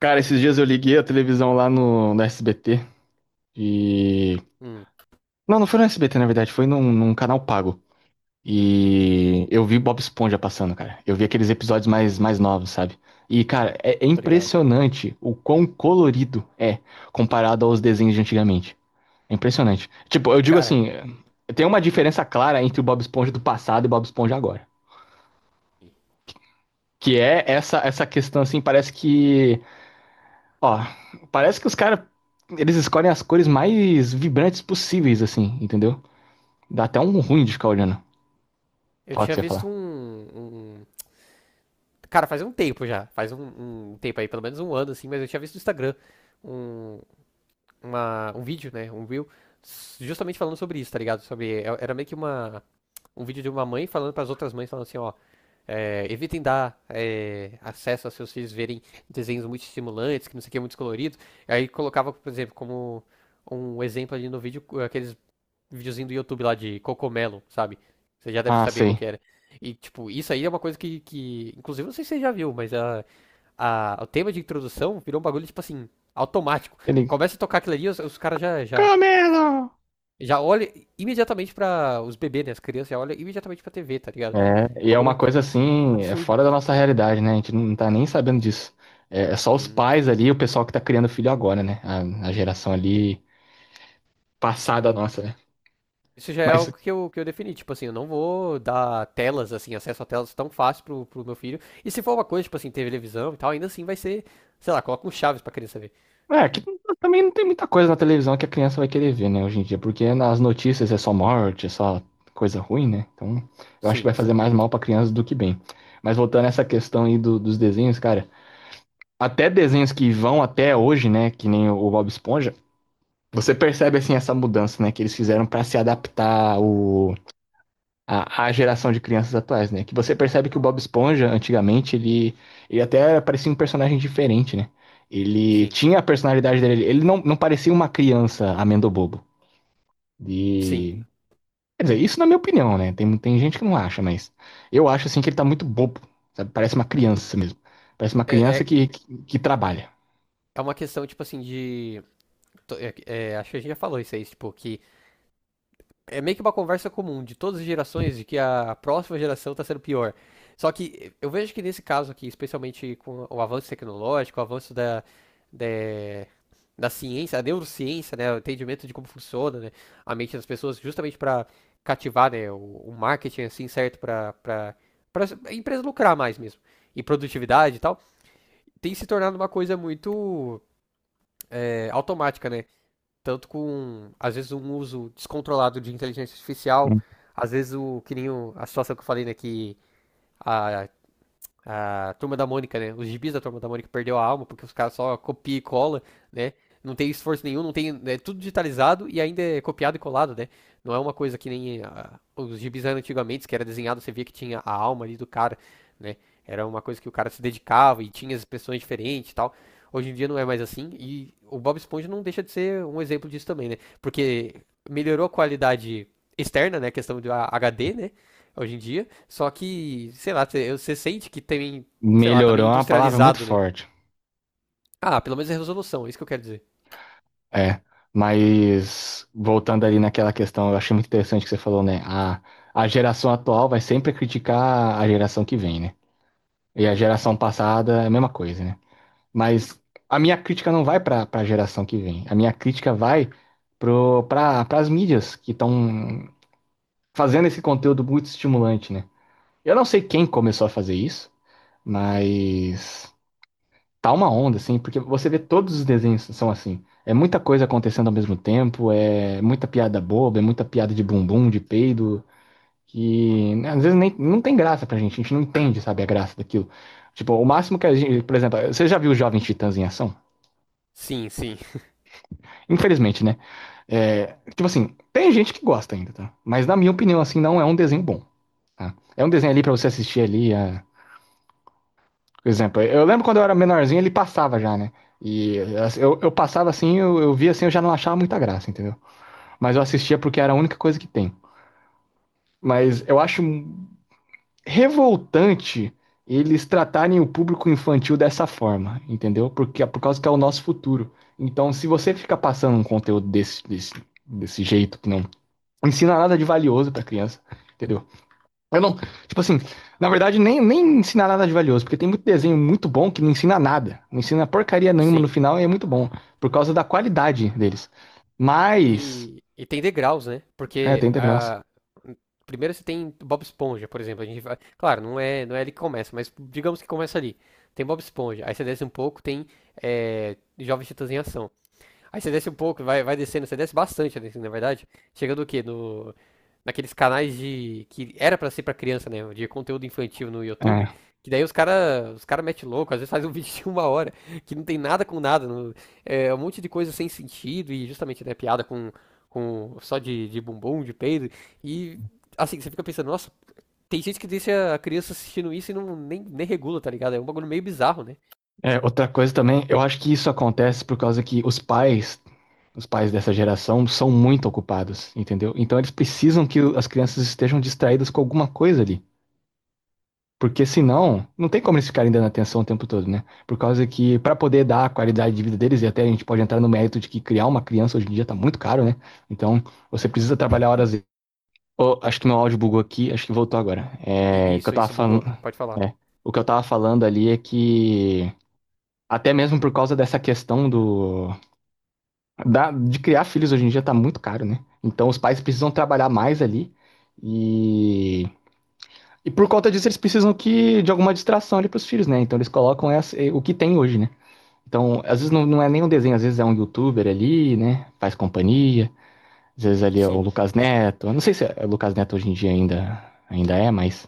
Cara, esses dias eu liguei a televisão lá no SBT e. Hum, Não foi no SBT, na verdade, foi num canal pago. E eu vi Bob Esponja passando, cara. Eu vi aqueles episódios mais novos, sabe? E, cara, é tô ligado. impressionante o quão colorido é comparado aos desenhos de antigamente. É impressionante. Tipo, eu digo Cara, assim, tem uma diferença clara entre o Bob Esponja do passado e o Bob Esponja agora. Que é essa questão, assim, parece que Ó, parece que os caras, eles escolhem as cores mais vibrantes possíveis, assim, entendeu? Dá até um ruim de ficar olhando. eu Fala o que tinha você ia visto falar. um, um- cara, faz um tempo já. Faz um tempo aí, pelo menos um ano, assim, mas eu tinha visto no Instagram um, um vídeo, né? Um reel, justamente falando sobre isso, tá ligado? Era meio que uma. um vídeo de uma mãe falando pras outras mães, falando assim, ó, evitem dar acesso aos seus filhos verem desenhos muito estimulantes, que não sei o que, muito coloridos. Aí colocava, por exemplo, como um exemplo ali no vídeo, aqueles videozinho do YouTube lá de Cocomelo, sabe? Você já deve Ah, saber qual sei. que era. E, tipo, isso aí é uma coisa que inclusive, não sei se você já viu, mas o tema de introdução virou um bagulho, tipo assim, automático. Ele, Começa a tocar aquilo ali, os caras já, já, Camelo! já olham imediatamente pra. Os bebês, né? As crianças já olham imediatamente pra TV, tá ligado? É, É um e é uma bagulho coisa assim, é absurdo. fora da nossa realidade, né? A gente não tá nem sabendo disso. É, é só os Sim. pais ali, o pessoal que tá criando filho agora, né? A geração ali passada nossa, né? Isso já é Mas algo que eu defini. Tipo assim, eu não vou dar telas, assim, acesso a telas tão fácil pro meu filho. E se for uma coisa, tipo assim, televisão e tal, ainda assim vai ser, sei lá, coloca um Chaves pra criança ver. é, que também não tem muita coisa na televisão que a criança vai querer ver, né, hoje em dia, porque nas notícias é só morte, é só coisa ruim, né? Então, eu acho que vai Sim, fazer sim, mais mal pra criança do que bem. Mas voltando a essa questão aí dos desenhos, cara, até desenhos que vão até hoje, né, que nem o Bob Esponja, você percebe assim essa mudança, né, que eles fizeram pra se adaptar ao, a geração de crianças atuais, né? Que você percebe que o Bob Esponja, antigamente, ele até parecia um personagem diferente, né? Ele sim, tinha a personalidade dele, ele não parecia uma criança amendo bobo. sim. E, quer dizer, isso na minha opinião, né? Tem gente que não acha, mas eu acho assim que ele tá muito bobo, sabe? Parece uma criança mesmo. Parece uma É, criança é, que trabalha. é uma questão, tipo assim, é, acho que a gente já falou isso aí, tipo, que é meio que uma conversa comum de todas as gerações de que a próxima geração tá sendo pior. Só que eu vejo que nesse caso aqui, especialmente com o avanço tecnológico, o avanço da, da ciência, a neurociência, né, o entendimento de como funciona, né, a mente das pessoas, justamente pra cativar, né, o marketing, assim, certo, pra empresa lucrar mais mesmo, e produtividade e tal. Tem se tornado uma coisa muito é, automática, né? Tanto com, às vezes, um uso descontrolado de inteligência artificial, às vezes o que nem a situação que eu falei, né, que a a Turma da Mônica, né? Os gibis da Turma da Mônica perdeu a alma, porque os caras só copia e cola, né? Não tem esforço nenhum, não tem. Né? É tudo digitalizado e ainda é copiado e colado, né? Não é uma coisa que nem ah, os gibis eram antigamente, que era desenhado, você via que tinha a alma ali do cara, né? Era uma coisa que o cara se dedicava e tinha as expressões diferentes e tal. Hoje em dia não é mais assim. E o Bob Esponja não deixa de ser um exemplo disso também, né? Porque melhorou a qualidade externa, né? A questão do HD, né? Hoje em dia só que, sei lá, você sente que tem, sei lá, tá meio Melhorou é uma palavra muito industrializado, né? forte. Ah, pelo menos é resolução, é isso que eu quero dizer. É, mas voltando ali naquela questão, eu achei muito interessante que você falou, né? A geração atual vai sempre criticar a geração que vem, né? E a geração passada é a mesma coisa, né? Mas a minha crítica não vai para a geração que vem. A minha crítica vai para as mídias que estão fazendo esse conteúdo muito estimulante, né? Eu não sei quem começou a fazer isso, mas tá uma onda, assim, porque você vê todos os desenhos são assim. É muita coisa acontecendo ao mesmo tempo, é muita piada boba, é muita piada de bumbum, de peido, que né, às vezes nem, não tem graça pra gente, a gente não entende, sabe, a graça daquilo. Tipo, o máximo que a gente, por exemplo, você já viu os Jovens Titãs em ação? Sim, sim, sim. Infelizmente, né? É, tipo assim, tem gente que gosta ainda, tá? Mas na minha opinião, assim, não é um desenho bom, tá? É um desenho ali pra você assistir ali, a Por exemplo, eu lembro quando eu era menorzinho, ele passava já, né? E assim, eu passava assim, eu via assim, eu já não achava muita graça, entendeu? Mas eu assistia porque era a única coisa que tem. Mas eu acho revoltante eles tratarem o público infantil dessa forma, entendeu? Porque por causa que é o nosso futuro. Então, se você fica passando um conteúdo desse jeito que não ensina nada de valioso pra criança, entendeu? Eu não, tipo assim, na verdade nem ensinar nada de valioso, porque tem muito desenho muito bom que não ensina nada, não ensina porcaria nenhuma no Sim. final e é muito bom, por causa da qualidade deles. Mas, E tem degraus, né? é, Porque 30 graus. Primeiro você tem Bob Esponja, por exemplo. A gente vai, claro, não é ele que começa, mas digamos que começa ali. Tem Bob Esponja, aí você desce um pouco, tem é, Jovens Titãs em Ação. Aí você desce um pouco, vai descendo, você desce bastante, né, na verdade. Chegando o quê? No, naqueles canais de. Que era pra ser pra criança, né? De conteúdo infantil no YouTube. É. Que daí os cara mete louco, às vezes faz um vídeo de uma hora, que não tem nada com nada. É um monte de coisa sem sentido e justamente, né, piada com só de bumbum, de peido. E assim, você fica pensando, nossa, tem gente que deixa a criança assistindo isso e não nem regula, tá ligado? É um bagulho meio bizarro, né? É, outra coisa também, eu acho que isso acontece por causa que os pais dessa geração são muito ocupados, entendeu? Então eles precisam que as crianças estejam distraídas com alguma coisa ali. Porque senão, não tem como eles ficarem dando atenção o tempo todo, né? Por causa que, para poder dar a qualidade de vida deles, e até a gente pode entrar no mérito de que criar uma criança hoje em dia tá muito caro, né? Então, você precisa trabalhar horas. Ô, acho que meu áudio bugou aqui, acho que voltou agora. E, isso bugou, pode falar. é, o que eu tava falando ali é que até mesmo por causa dessa questão de criar filhos hoje em dia tá muito caro, né? Então os pais precisam trabalhar mais ali e e por conta disso, eles precisam que de alguma distração ali pros filhos, né? Então eles colocam o que tem hoje, né? Então, às vezes não é nem um desenho, às vezes é um youtuber ali, né? Faz companhia. Às vezes ali é o Sim. Lucas Neto. Eu não sei se é o Lucas Neto hoje em dia ainda, ainda é, mas.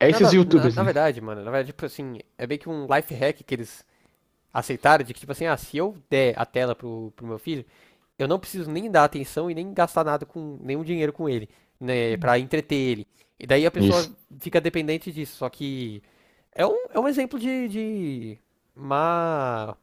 É esses Nada, youtubers, na né? verdade, mano, na verdade, tipo assim, é meio que um life hack que eles aceitaram de que, tipo assim, ah, se eu der a tela pro meu filho, eu não preciso nem dar atenção e nem gastar nada com, nenhum dinheiro com ele, né, pra entreter ele. E daí a pessoa Isso. fica dependente disso, só que é um exemplo de má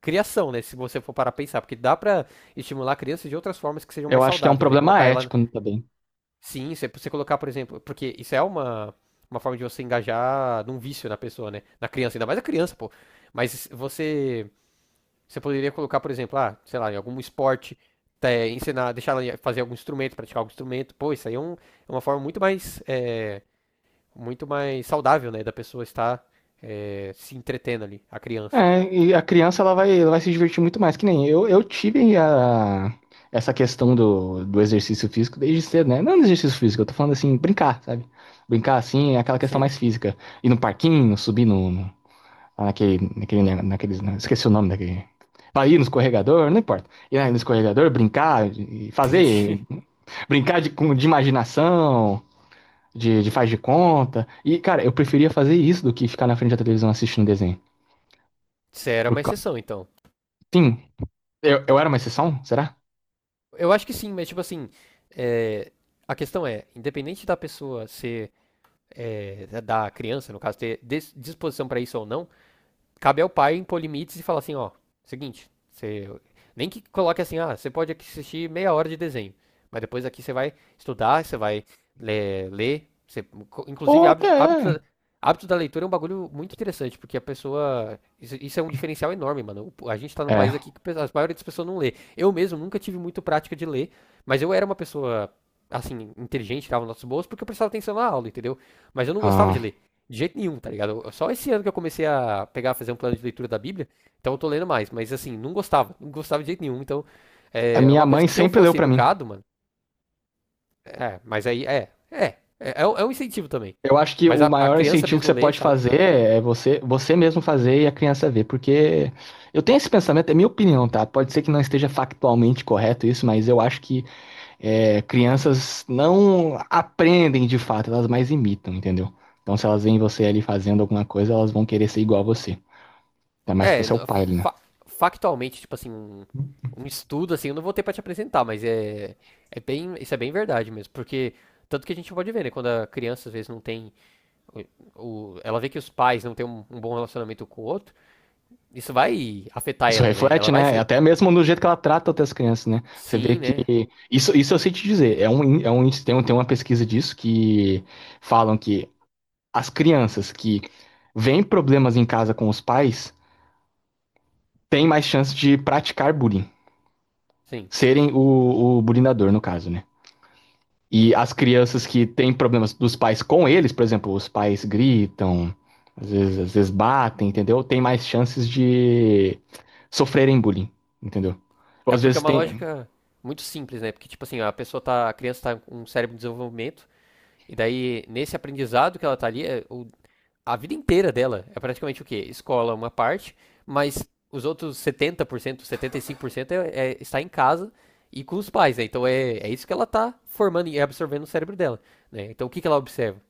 criação, né, se você for parar a pensar, porque dá pra estimular a criança de outras formas que sejam Eu mais acho que é um saudáveis, né, problema colocar ela. ético né, também. Sim, você colocar, por exemplo, porque isso é uma forma de você engajar num vício na pessoa, né? Na criança, ainda mais a criança, pô. Mas você, você poderia colocar, por exemplo, ah, sei lá, em algum esporte, é, ensinar, deixar ela fazer algum instrumento, praticar algum instrumento. Pô, isso aí é uma forma muito mais, é, muito mais saudável, né? Da pessoa estar, é, se entretendo ali, a criança. É, e a criança ela vai se divertir muito mais, que nem eu, eu tive a, essa questão do exercício físico desde cedo, né? Não do exercício físico, eu tô falando assim, brincar, sabe? Brincar assim é aquela questão Sim, mais física. Ir no parquinho, subir no naqueles, né? Esqueci o nome daquele. Vai ir no escorregador, não importa. Ir no escorregador, brincar, e fazer, entendi. brincar de imaginação, de faz de conta. E, cara, eu preferia fazer isso do que ficar na frente da televisão assistindo desenho. Você era Por, uma cau- exceção, então. sim, eu era uma exceção? Será? Eu acho que sim, mas tipo assim, é, a questão é, independente da pessoa ser é, da criança, no caso, ter disposição para isso ou não, cabe ao pai impor limites e falar assim, ó, seguinte, você nem que coloque assim, ah, você pode assistir meia hora de desenho, mas depois aqui você vai estudar, você vai ler você, inclusive Ou até é. Hábito da leitura é um bagulho muito interessante, porque a pessoa, isso é um diferencial enorme, mano. A gente tá num país É. aqui que a maioria das pessoas não lê. Eu mesmo nunca tive muito prática de ler, mas eu era uma pessoa assim, inteligente, tava nos nossos bolsos, porque eu prestava atenção na aula, entendeu? Mas eu não gostava de ah, ler. De jeito nenhum, tá ligado? Só esse ano que eu comecei a pegar, fazer um plano de leitura da Bíblia, então eu tô lendo mais, mas assim, não gostava, não gostava de jeito nenhum, então a é é minha uma coisa mãe que se eu sempre leu fosse pra mim. educado, mano, é, mas aí é um incentivo também. Eu acho que Mas o a maior criança incentivo que mesmo você lê, pode sabe? fazer é você, você mesmo fazer e a criança ver, porque eu tenho esse pensamento, é minha opinião, tá? Pode ser que não esteja factualmente correto isso, mas eu acho que é, crianças não aprendem de fato, elas mais imitam, entendeu? Então, se elas veem você ali fazendo alguma coisa, elas vão querer ser igual a você. Ainda mais que É, você é n- o pai, né? fa- factualmente, tipo assim, um estudo assim, eu não vou ter pra te apresentar, mas é, é bem, isso é bem verdade mesmo, porque tanto que a gente pode ver, né, quando a criança às vezes não tem, ela vê que os pais não têm um bom relacionamento com o outro, isso vai afetar Isso ela, né? Ela reflete, vai né? ser. Até mesmo no jeito que ela trata outras crianças, né? Você vê Sim, que. né? Isso eu sei te dizer. Tem uma pesquisa disso que falam que as crianças que veem problemas em casa com os pais têm mais chance de praticar bullying. Sim, Serem o bullyingador no caso, né? E as crianças sim. que têm problemas dos pais com eles, por exemplo, os pais gritam, às vezes batem, entendeu? Tem mais chances de sofrerem bullying, entendeu? Ou É às porque é vezes uma tem. lógica muito simples, né? Porque, tipo assim, a pessoa tá. A criança tá com um cérebro em desenvolvimento, e daí, nesse aprendizado que ela tá ali, a vida inteira dela é praticamente o quê? Escola, uma parte, mas os outros 70%, 75% está em casa e com os pais, né? Então é isso que ela tá formando e absorvendo no cérebro dela, né? Então o que que ela observa?